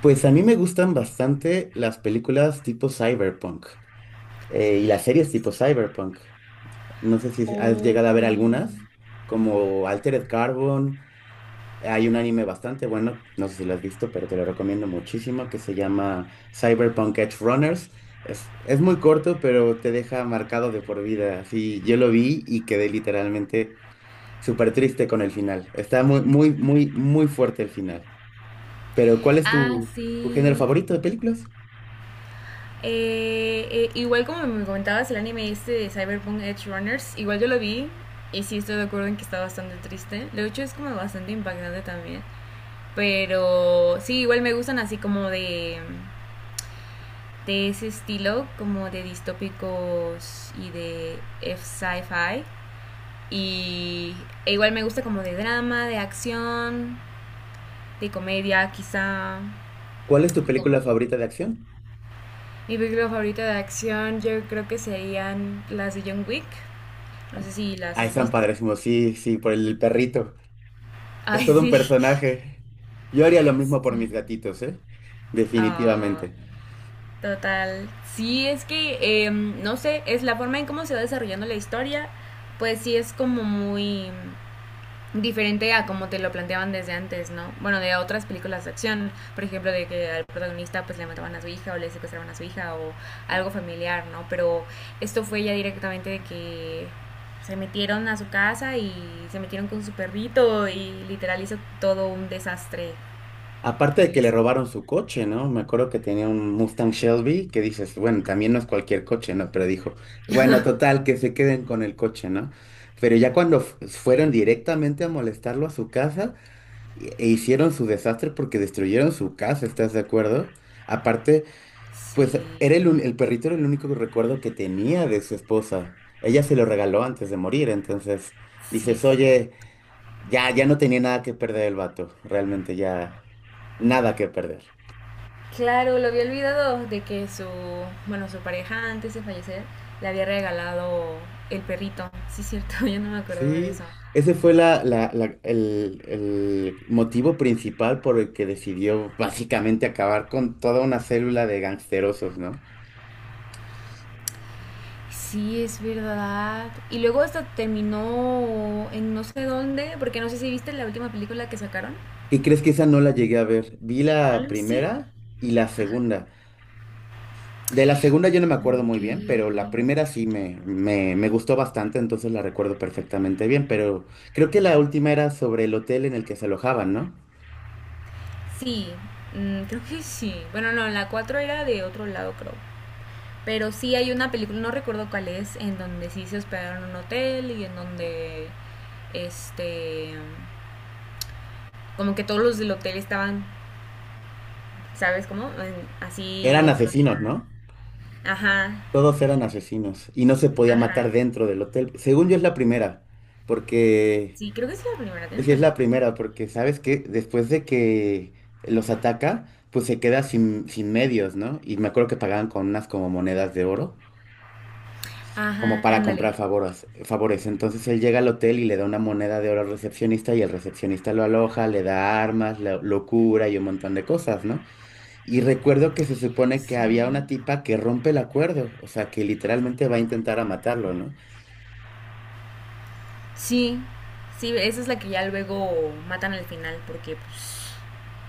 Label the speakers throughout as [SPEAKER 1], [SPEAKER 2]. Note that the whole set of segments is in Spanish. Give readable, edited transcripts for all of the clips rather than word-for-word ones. [SPEAKER 1] Pues a mí me gustan bastante las películas tipo cyberpunk, y las series tipo cyberpunk. No sé si has llegado a
[SPEAKER 2] Ok.
[SPEAKER 1] ver algunas, como Altered Carbon. Hay un anime bastante bueno, no sé si lo has visto, pero te lo recomiendo muchísimo, que se llama Cyberpunk Edge Runners. Es muy corto, pero te deja marcado de por vida. Así, yo lo vi y quedé literalmente súper triste con el final. Está muy, muy, muy, muy fuerte el final. Pero ¿cuál es
[SPEAKER 2] Ah,
[SPEAKER 1] tu género
[SPEAKER 2] sí.
[SPEAKER 1] favorito de películas?
[SPEAKER 2] Igual como me comentabas, el anime este de Cyberpunk Edge Runners, igual yo lo vi y sí estoy de acuerdo en que está bastante triste. Lo hecho es como bastante impactante también. Pero sí, igual me gustan así como de ese estilo, como de distópicos y de F sci-fi. Y igual me gusta como de drama, de acción, de comedia quizá.
[SPEAKER 1] ¿Cuál es tu película
[SPEAKER 2] Como
[SPEAKER 1] favorita de acción?
[SPEAKER 2] Mi película favorita de acción yo creo que serían las de John Wick. No sé si las
[SPEAKER 1] Ah,
[SPEAKER 2] has
[SPEAKER 1] están
[SPEAKER 2] visto.
[SPEAKER 1] padrísimos, sí, sí, por el perrito. Es
[SPEAKER 2] Ay,
[SPEAKER 1] todo un
[SPEAKER 2] sí.
[SPEAKER 1] personaje. Yo haría lo mismo por
[SPEAKER 2] Sí.
[SPEAKER 1] mis gatitos, ¿eh?
[SPEAKER 2] Ah,
[SPEAKER 1] Definitivamente.
[SPEAKER 2] total. Sí, es que, no sé, es la forma en cómo se va desarrollando la historia, pues sí es como muy diferente a como te lo planteaban desde antes, ¿no? Bueno, de otras películas de acción, por ejemplo, de que al protagonista pues le mataban a su hija o le secuestraban a su hija o algo familiar, ¿no? Pero esto fue ya directamente de que se metieron a su casa y se metieron con su perrito y literal hizo todo un desastre.
[SPEAKER 1] Aparte de que le
[SPEAKER 2] Pues,
[SPEAKER 1] robaron su coche, ¿no? Me acuerdo que tenía un Mustang Shelby que dices, bueno, también no es cualquier coche, ¿no? Pero dijo, bueno, total, que se queden con el coche, ¿no? Pero ya cuando
[SPEAKER 2] sí,
[SPEAKER 1] fueron directamente a molestarlo a su casa e hicieron su desastre porque destruyeron su casa, ¿estás de acuerdo? Aparte.
[SPEAKER 2] sí,
[SPEAKER 1] Pues era el perrito era el único recuerdo que tenía de su esposa. Ella se lo regaló antes de morir, entonces
[SPEAKER 2] sí,
[SPEAKER 1] dices,
[SPEAKER 2] sí.
[SPEAKER 1] oye, ya no tenía nada que perder el vato, realmente ya nada que perder.
[SPEAKER 2] Claro, lo había olvidado de que su, bueno, su pareja antes de fallecer le había regalado el perrito. Sí, es cierto, yo no me acordaba de
[SPEAKER 1] Sí,
[SPEAKER 2] eso.
[SPEAKER 1] ese fue el motivo principal por el que decidió básicamente acabar con toda una célula de gangsterosos, ¿no?
[SPEAKER 2] Sí, es verdad. Y luego hasta terminó en no sé dónde, porque no sé si viste la última película que sacaron.
[SPEAKER 1] ¿Qué crees que esa no la llegué a ver? Vi
[SPEAKER 2] ¿No
[SPEAKER 1] la
[SPEAKER 2] lo viste?
[SPEAKER 1] primera y la segunda. De la segunda yo no me acuerdo
[SPEAKER 2] Ok.
[SPEAKER 1] muy bien, pero la primera sí me gustó bastante, entonces la recuerdo perfectamente bien, pero creo que la última era sobre el hotel en el que se alojaban, ¿no?
[SPEAKER 2] Sí, mm, creo que sí. Bueno, no, en la 4 era de otro lado, creo. Pero sí hay una película, no recuerdo cuál es, en donde sí se hospedaron en un hotel y en donde, este, como que todos los del hotel estaban, ¿sabes cómo? Así
[SPEAKER 1] Eran
[SPEAKER 2] dentro de
[SPEAKER 1] asesinos, ¿no?
[SPEAKER 2] la... Ajá,
[SPEAKER 1] Todos eran asesinos y no se podía
[SPEAKER 2] ajá.
[SPEAKER 1] matar dentro del hotel. Según yo es la primera, porque
[SPEAKER 2] Sí, creo que es la primera,
[SPEAKER 1] pues
[SPEAKER 2] tienes
[SPEAKER 1] sí es la
[SPEAKER 2] razón.
[SPEAKER 1] primera, porque sabes que después de que los ataca, pues se queda sin medios, ¿no? Y me acuerdo que pagaban con unas como monedas de oro, como
[SPEAKER 2] Ajá,
[SPEAKER 1] para
[SPEAKER 2] ándale.
[SPEAKER 1] comprar favores, favores. Entonces él llega al hotel y le da una moneda de oro al recepcionista y el recepcionista lo aloja, le da armas, lo cura y un montón de cosas, ¿no? Y recuerdo que se supone que
[SPEAKER 2] Sí.
[SPEAKER 1] había una tipa que rompe el acuerdo, o sea, que literalmente va a intentar a matarlo, ¿no?
[SPEAKER 2] Sí, sí, esa es la que ya luego matan al final porque pues,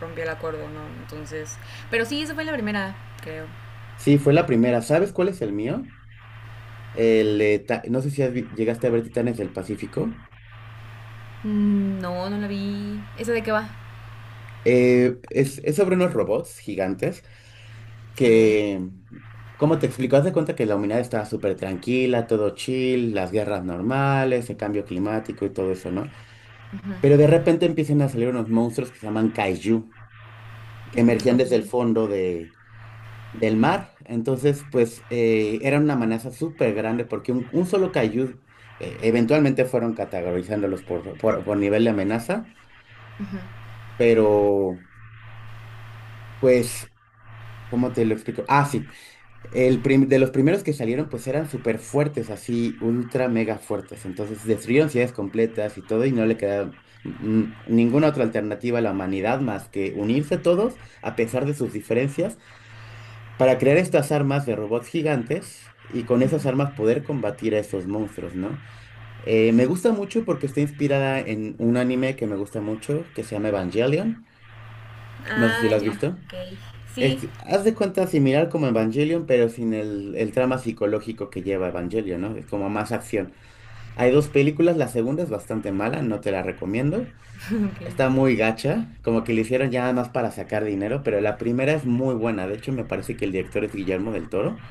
[SPEAKER 2] rompió el acuerdo, ¿no? Entonces... Pero sí, esa fue la primera, creo.
[SPEAKER 1] Sí, fue la primera. ¿Sabes cuál es el mío? No sé si llegaste a ver Titanes del Pacífico.
[SPEAKER 2] Mm, no, no la vi. ¿Esa de qué va?
[SPEAKER 1] Es sobre unos robots gigantes
[SPEAKER 2] Ok.
[SPEAKER 1] que, ¿cómo te explico? Haz de cuenta que la humanidad estaba súper tranquila, todo chill, las guerras normales, el cambio climático y todo eso, ¿no?
[SPEAKER 2] Ujú,
[SPEAKER 1] Pero de repente empiezan a salir unos monstruos que se llaman kaiju, que emergían
[SPEAKER 2] ok,
[SPEAKER 1] desde el fondo del mar. Entonces, pues, era una amenaza súper grande porque un solo kaiju, eventualmente fueron categorizándolos por nivel de amenaza,
[SPEAKER 2] ujú,
[SPEAKER 1] pero, pues, ¿cómo te lo explico? Ah, sí. De los primeros que salieron, pues eran súper fuertes, así, ultra mega fuertes. Entonces destruyeron ciudades completas y todo, y no le quedaba ninguna otra alternativa a la humanidad más que unirse todos, a pesar de sus diferencias, para crear estas armas de robots gigantes y con
[SPEAKER 2] ujú.
[SPEAKER 1] esas armas poder combatir a esos monstruos, ¿no? Me gusta mucho porque está inspirada en un anime que me gusta mucho, que se llama Evangelion. No sé si
[SPEAKER 2] Ah,
[SPEAKER 1] lo has
[SPEAKER 2] ya,
[SPEAKER 1] visto.
[SPEAKER 2] ok. Sí,
[SPEAKER 1] Haz de cuenta similar como Evangelion, pero sin el trama psicológico que lleva Evangelion, ¿no? Es como más acción. Hay dos películas, la segunda es bastante mala, no te la recomiendo.
[SPEAKER 2] ok.
[SPEAKER 1] Está muy gacha, como que le hicieron ya nada más para sacar dinero, pero la primera es muy buena. De hecho, me parece que el director es Guillermo del Toro.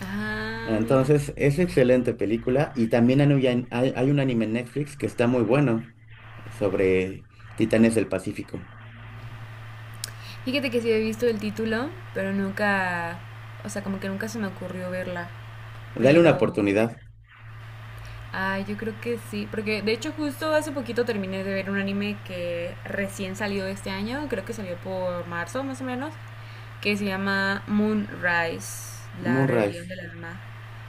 [SPEAKER 2] Ah, mira.
[SPEAKER 1] Entonces, es excelente película. Y también hay un anime en Netflix que está muy bueno sobre Titanes del Pacífico.
[SPEAKER 2] Fíjate que sí he visto el título, pero nunca, o sea, como que nunca se me ocurrió verla.
[SPEAKER 1] Dale una
[SPEAKER 2] Pero,
[SPEAKER 1] oportunidad.
[SPEAKER 2] ah, yo creo que sí, porque de hecho justo hace poquito terminé de ver un anime que recién salió este año, creo que salió por marzo más o menos, que se llama Moonrise, la
[SPEAKER 1] Moonrise.
[SPEAKER 2] rebelión de la luna.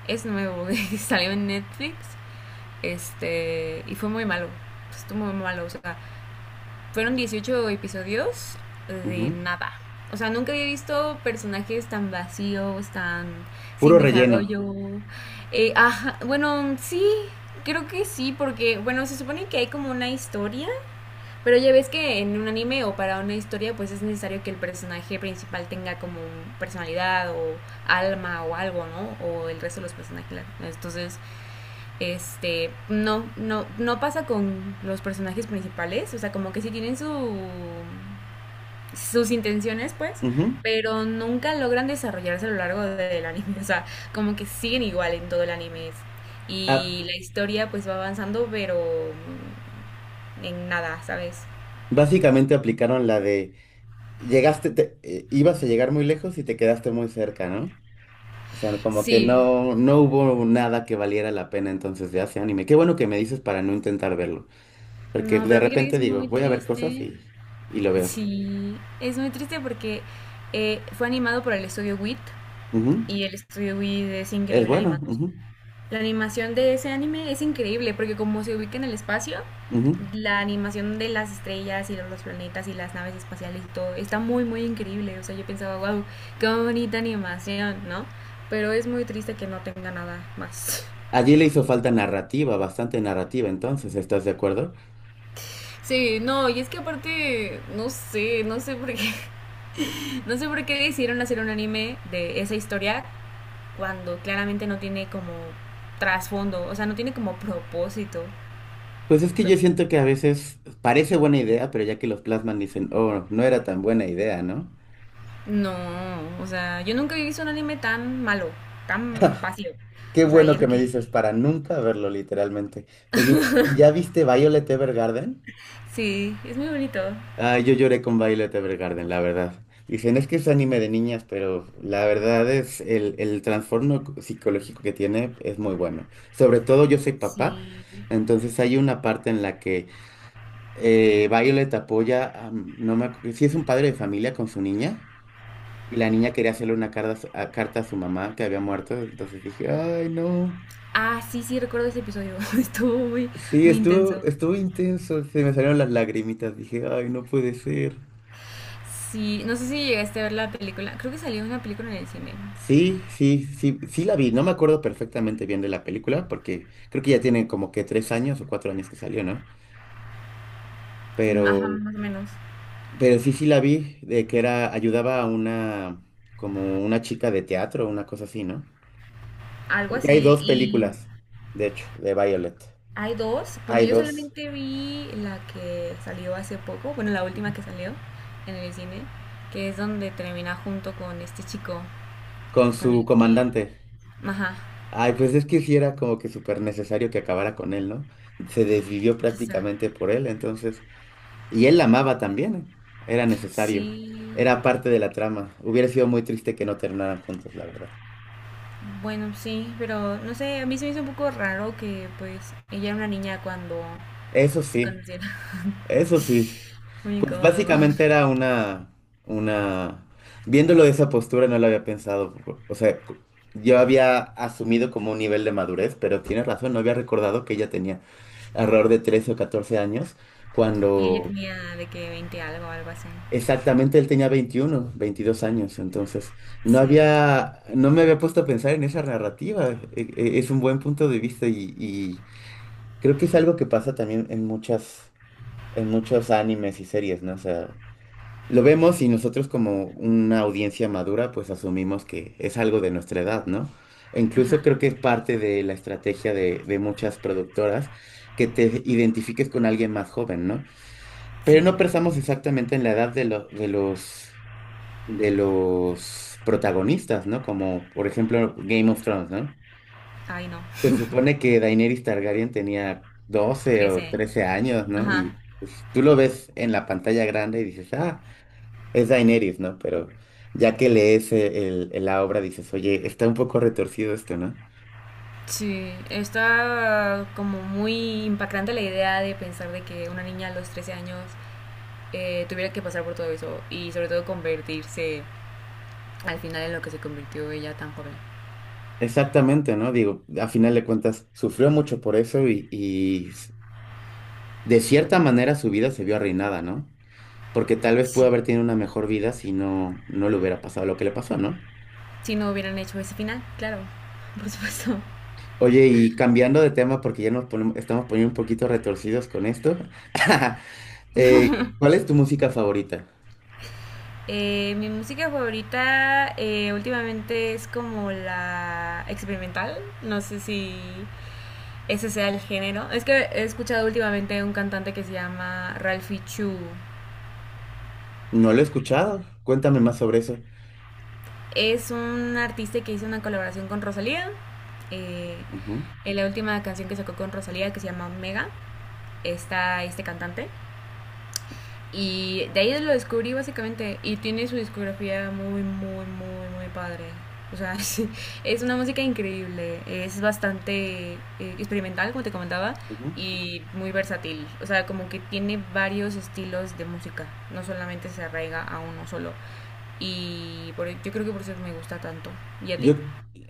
[SPEAKER 2] Es nuevo, salió en Netflix. Este, y fue muy malo. Estuvo muy malo. O sea, fueron 18 episodios de
[SPEAKER 1] Ujú.
[SPEAKER 2] nada. O sea, nunca había visto personajes tan vacíos, tan sin
[SPEAKER 1] Puro relleno.
[SPEAKER 2] desarrollo. Ajá, bueno, sí, creo que sí, porque, bueno, se supone que hay como una historia, pero ya ves que en un anime o para una historia, pues es necesario que el personaje principal tenga como personalidad o alma o algo, ¿no? O el resto de los personajes. Entonces, este, no, no, no pasa con los personajes principales, o sea, como que sí tienen su, sus intenciones, pues,
[SPEAKER 1] Ujú.
[SPEAKER 2] pero nunca logran desarrollarse a lo largo del anime, o sea, como que siguen igual en todo el anime.
[SPEAKER 1] Ah,
[SPEAKER 2] Y la historia pues va avanzando, pero en nada, ¿sabes?
[SPEAKER 1] básicamente aplicaron la de ibas a llegar muy lejos y te quedaste muy cerca, ¿no? O sea, como que
[SPEAKER 2] Sí,
[SPEAKER 1] no hubo nada que valiera la pena entonces de ese anime. Qué bueno que me dices para no intentar verlo, porque
[SPEAKER 2] no,
[SPEAKER 1] de
[SPEAKER 2] pero fíjate que
[SPEAKER 1] repente
[SPEAKER 2] es
[SPEAKER 1] digo,
[SPEAKER 2] muy
[SPEAKER 1] voy a ver cosas
[SPEAKER 2] triste.
[SPEAKER 1] y lo veo.
[SPEAKER 2] Sí, es muy triste porque fue animado por el estudio WIT
[SPEAKER 1] Ujú.
[SPEAKER 2] y el estudio WIT es
[SPEAKER 1] Es
[SPEAKER 2] increíble
[SPEAKER 1] bueno.
[SPEAKER 2] animando. La animación de ese anime es increíble porque como se ubica en el espacio,
[SPEAKER 1] Ujú, ujú.
[SPEAKER 2] la animación de las estrellas y los planetas y las naves espaciales y todo está muy muy increíble. O sea, yo pensaba, wow, qué bonita animación, ¿no? Pero es muy triste que no tenga nada más.
[SPEAKER 1] Allí le hizo falta narrativa, bastante narrativa, entonces, ¿estás de acuerdo?
[SPEAKER 2] Sí, no, y es que aparte, no sé, no sé por qué. No sé por qué decidieron hacer un anime de esa historia cuando claramente no tiene como trasfondo, o sea, no tiene como propósito,
[SPEAKER 1] Pues es que yo
[SPEAKER 2] ¿sabes cómo?
[SPEAKER 1] siento que a veces parece buena idea, pero ya que los plasman dicen, oh, no era tan buena idea, ¿no?
[SPEAKER 2] No, o sea, yo nunca había visto un anime tan malo, tan vacío.
[SPEAKER 1] Qué
[SPEAKER 2] O sea,
[SPEAKER 1] bueno
[SPEAKER 2] y eso
[SPEAKER 1] que me
[SPEAKER 2] que...
[SPEAKER 1] dices para nunca verlo, literalmente. Oye, ¿y ya viste Violet Evergarden?
[SPEAKER 2] Sí, es muy bonito.
[SPEAKER 1] Ah, yo lloré con Violet Evergarden, la verdad. Dicen, es que es anime de niñas, pero la verdad es el trastorno psicológico que tiene es muy bueno. Sobre todo yo soy
[SPEAKER 2] Sí.
[SPEAKER 1] papá, entonces hay una parte en la que Violet apoya, a- no me acu- sí es un padre de familia con su niña, y la niña quería hacerle una carta a su carta a su mamá que había muerto, entonces dije, ay, no.
[SPEAKER 2] Ah, sí, sí, recuerdo ese episodio. Estuvo muy,
[SPEAKER 1] Sí,
[SPEAKER 2] muy
[SPEAKER 1] estuvo,
[SPEAKER 2] intenso.
[SPEAKER 1] estuvo intenso, se me salieron las lagrimitas, dije, ay, no puede ser.
[SPEAKER 2] Sí, no sé si llegaste a ver la película. Creo que salió una película en el cine.
[SPEAKER 1] Sí, sí, sí, sí la vi, no me acuerdo perfectamente bien de la película, porque creo que ya tiene como que 3 años o 4 años que salió, ¿no?
[SPEAKER 2] Ajá,
[SPEAKER 1] Pero,
[SPEAKER 2] más o menos.
[SPEAKER 1] pero sí, sí la vi, de que era, ayudaba a una, como una chica de teatro, una cosa así, ¿no?
[SPEAKER 2] Algo
[SPEAKER 1] Porque hay
[SPEAKER 2] así.
[SPEAKER 1] dos
[SPEAKER 2] Y
[SPEAKER 1] películas, de hecho, de Violet.
[SPEAKER 2] hay dos. Bueno,
[SPEAKER 1] Hay
[SPEAKER 2] yo
[SPEAKER 1] dos.
[SPEAKER 2] solamente vi la que salió hace poco. Bueno, la última
[SPEAKER 1] Ujú.
[SPEAKER 2] que salió en el cine. Que es donde termina junto con este chico
[SPEAKER 1] Con
[SPEAKER 2] con
[SPEAKER 1] su
[SPEAKER 2] el que...
[SPEAKER 1] comandante.
[SPEAKER 2] Ajá.
[SPEAKER 1] Ay, pues es que sí era como que súper necesario que acabara con él, ¿no? Se desvivió
[SPEAKER 2] Quizá.
[SPEAKER 1] prácticamente por él, entonces. Y él la amaba también, ¿eh? Era necesario.
[SPEAKER 2] Sí,
[SPEAKER 1] Era parte de la trama. Hubiera sido muy triste que no terminaran juntos, la verdad.
[SPEAKER 2] bueno, sí, pero no sé, a mí se me hizo un poco raro que pues ella era una niña cuando
[SPEAKER 1] Eso
[SPEAKER 2] se
[SPEAKER 1] sí,
[SPEAKER 2] conocieron.
[SPEAKER 1] eso sí.
[SPEAKER 2] Muy
[SPEAKER 1] Pues
[SPEAKER 2] incómodo.
[SPEAKER 1] básicamente era una... Viéndolo de esa postura no lo había pensado. O sea, yo había asumido como un nivel de madurez, pero tienes razón, no había recordado que ella tenía alrededor de 13 o 14 años
[SPEAKER 2] Y ella
[SPEAKER 1] cuando.
[SPEAKER 2] tenía de que 20 algo, algo así.
[SPEAKER 1] Exactamente, él tenía 21, 22 años, entonces no
[SPEAKER 2] Sí,
[SPEAKER 1] había, no me había puesto a pensar en esa narrativa. Es un buen punto de vista y creo que es algo que pasa también en muchos animes y series, ¿no? O sea, lo vemos y nosotros como una audiencia madura, pues asumimos que es algo de nuestra edad, ¿no? E
[SPEAKER 2] ajá,
[SPEAKER 1] incluso creo que es parte de la estrategia de muchas productoras que te identifiques con alguien más joven, ¿no? Pero
[SPEAKER 2] sí.
[SPEAKER 1] no pensamos exactamente en la edad de los protagonistas, ¿no? Como por ejemplo Game of Thrones, ¿no?
[SPEAKER 2] Ay, no,
[SPEAKER 1] Se supone que Daenerys Targaryen tenía 12 o
[SPEAKER 2] trece.
[SPEAKER 1] 13 años, ¿no?
[SPEAKER 2] Ajá.
[SPEAKER 1] Y pues, tú lo ves en la pantalla grande y dices, ah, es Daenerys, ¿no? Pero ya que lees la obra dices, oye, está un poco retorcido esto, ¿no?
[SPEAKER 2] Sí, está como muy impactante la idea de pensar de que una niña a los 13 años tuviera que pasar por todo eso y sobre todo convertirse al final en lo que se convirtió ella tan joven.
[SPEAKER 1] Exactamente, ¿no? Digo, a final de cuentas, sufrió mucho por eso y de cierta manera su vida se vio arruinada, ¿no? Porque tal vez pudo haber
[SPEAKER 2] Sí.
[SPEAKER 1] tenido una mejor vida si no le hubiera pasado lo que le pasó, ¿no?
[SPEAKER 2] Si no hubieran hecho ese final, claro, por supuesto.
[SPEAKER 1] Oye, y cambiando de tema, porque ya nos estamos poniendo un poquito retorcidos con esto, eh, ¿cuál es tu música favorita?
[SPEAKER 2] Mi música favorita últimamente es como la experimental, no sé si ese sea el género. Es que he escuchado últimamente un cantante que se llama Ralphie Chu.
[SPEAKER 1] No lo he escuchado, cuéntame más sobre eso.
[SPEAKER 2] Es un artista que hizo una colaboración con Rosalía. Eh,
[SPEAKER 1] Ujú,
[SPEAKER 2] en la última canción que sacó con Rosalía, que se llama Omega, está este cantante. Y de ahí lo descubrí básicamente. Y tiene su discografía muy, muy, muy, muy padre. O sea, es una música increíble. Es bastante experimental, como te comentaba,
[SPEAKER 1] ujú.
[SPEAKER 2] y muy versátil. O sea, como que tiene varios estilos de música. No solamente se arraiga a uno solo. Y por, yo creo que por eso me gusta tanto. ¿Y a ti?
[SPEAKER 1] Yo,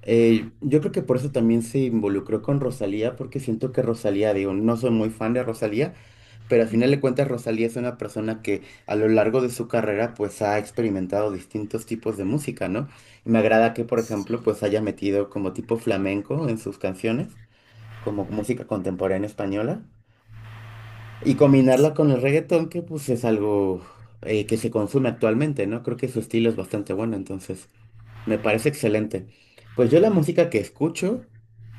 [SPEAKER 1] yo creo que por eso también se involucró con Rosalía, porque siento que Rosalía, digo, no soy muy fan de Rosalía, pero al final
[SPEAKER 2] Ujú.
[SPEAKER 1] de cuentas Rosalía es una persona que a lo largo de su carrera pues ha experimentado distintos tipos de música, ¿no? Y me agrada que, por
[SPEAKER 2] Sí.
[SPEAKER 1] ejemplo, pues haya metido como tipo flamenco en sus canciones, como música contemporánea española y combinarla con el reggaetón, que pues es algo que se consume actualmente, ¿no? Creo que su estilo es bastante bueno, entonces me parece excelente. Pues yo la música que escucho,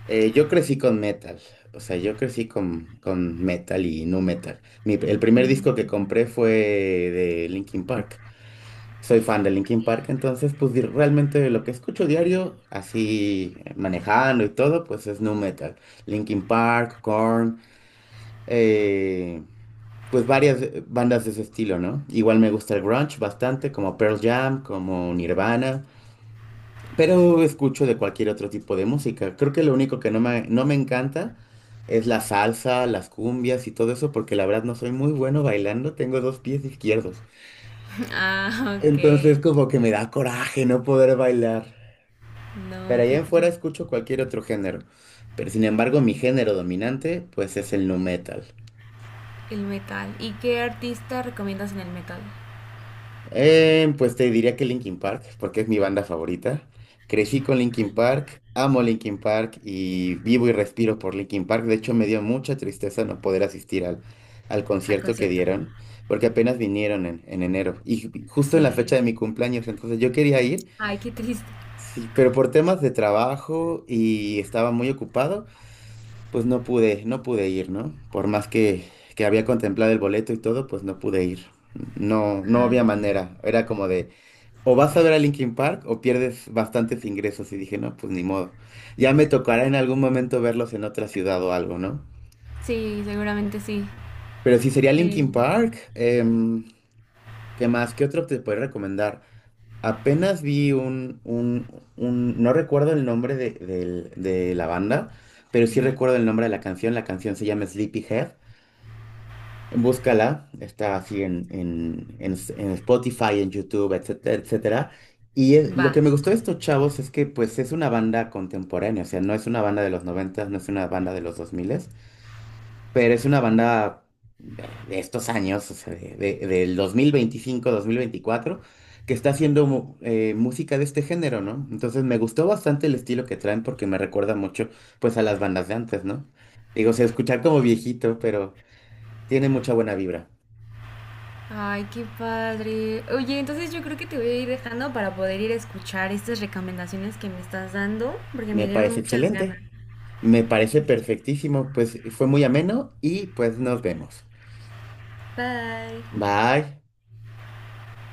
[SPEAKER 1] yo crecí con metal, o sea, yo crecí con metal y nu metal. El primer
[SPEAKER 2] Mm,
[SPEAKER 1] disco que
[SPEAKER 2] ujú.
[SPEAKER 1] compré fue de Linkin Park. Soy fan de Linkin Park, entonces pues realmente lo que escucho diario, así manejando y todo, pues es nu metal. Linkin Park, Korn, eh, pues varias bandas de ese estilo, ¿no? Igual me gusta el grunge bastante, como Pearl Jam, como Nirvana, pero escucho de cualquier otro tipo de música. Creo que lo único que no me encanta es la salsa, las cumbias y todo eso, porque la verdad no soy muy bueno bailando, tengo dos pies izquierdos.
[SPEAKER 2] Ah, ok.
[SPEAKER 1] Entonces como que me da coraje no poder bailar. Pero
[SPEAKER 2] No,
[SPEAKER 1] allá
[SPEAKER 2] qué
[SPEAKER 1] en fuera
[SPEAKER 2] triste.
[SPEAKER 1] escucho cualquier otro género. Pero sin embargo, mi género dominante, pues es el nu metal.
[SPEAKER 2] El metal. ¿Y qué artista recomiendas en el metal?
[SPEAKER 1] Pues te diría que Linkin Park, porque es mi banda favorita. Crecí con
[SPEAKER 2] Ok.
[SPEAKER 1] Linkin Park, amo Linkin Park y vivo y respiro por Linkin Park. De hecho, me dio mucha tristeza no poder asistir al
[SPEAKER 2] Al
[SPEAKER 1] concierto que
[SPEAKER 2] concierto.
[SPEAKER 1] dieron, porque apenas vinieron en enero y justo en la fecha
[SPEAKER 2] Sí.
[SPEAKER 1] de mi cumpleaños. Entonces yo quería ir,
[SPEAKER 2] Ay, qué triste.
[SPEAKER 1] sí, pero por temas de trabajo y estaba muy ocupado, pues no pude ir, ¿no? Por más que había contemplado el boleto y todo, pues no pude ir. No, no había
[SPEAKER 2] Ala.
[SPEAKER 1] manera. Era como de o vas a ver a Linkin Park o pierdes bastantes ingresos y dije, no, pues ni modo. Ya me tocará en algún momento verlos en otra ciudad o algo, ¿no?
[SPEAKER 2] Sí, seguramente sí.
[SPEAKER 1] Pero si sería
[SPEAKER 2] Eh,
[SPEAKER 1] Linkin Park, ¿qué más? ¿Qué otro te puedo recomendar? Apenas vi no recuerdo el nombre de la banda, pero sí
[SPEAKER 2] ujú.
[SPEAKER 1] recuerdo el nombre de la canción. La canción se llama Sleepyhead. Búscala, está así en Spotify, en YouTube, etcétera, etcétera. Y lo que
[SPEAKER 2] Va.
[SPEAKER 1] me gustó de estos chavos es que pues es una banda contemporánea, o sea, no es una banda de los 90, no es una banda de los dos miles, pero es una banda de- estos años, o sea, del 2025, 2024 que está haciendo música de este género, ¿no? Entonces me gustó bastante el estilo que traen porque me recuerda mucho pues a las bandas de antes, ¿no? Digo, o sea, escuchar como viejito, pero tiene mucha buena vibra.
[SPEAKER 2] Ay, qué padre. Oye, entonces yo creo que te voy a ir dejando para poder ir a escuchar estas recomendaciones que me estás dando, porque me
[SPEAKER 1] Me
[SPEAKER 2] dieron
[SPEAKER 1] parece
[SPEAKER 2] muchas ganas.
[SPEAKER 1] excelente. Me parece perfectísimo. Pues fue muy ameno y pues nos vemos.
[SPEAKER 2] Bye.
[SPEAKER 1] Bye.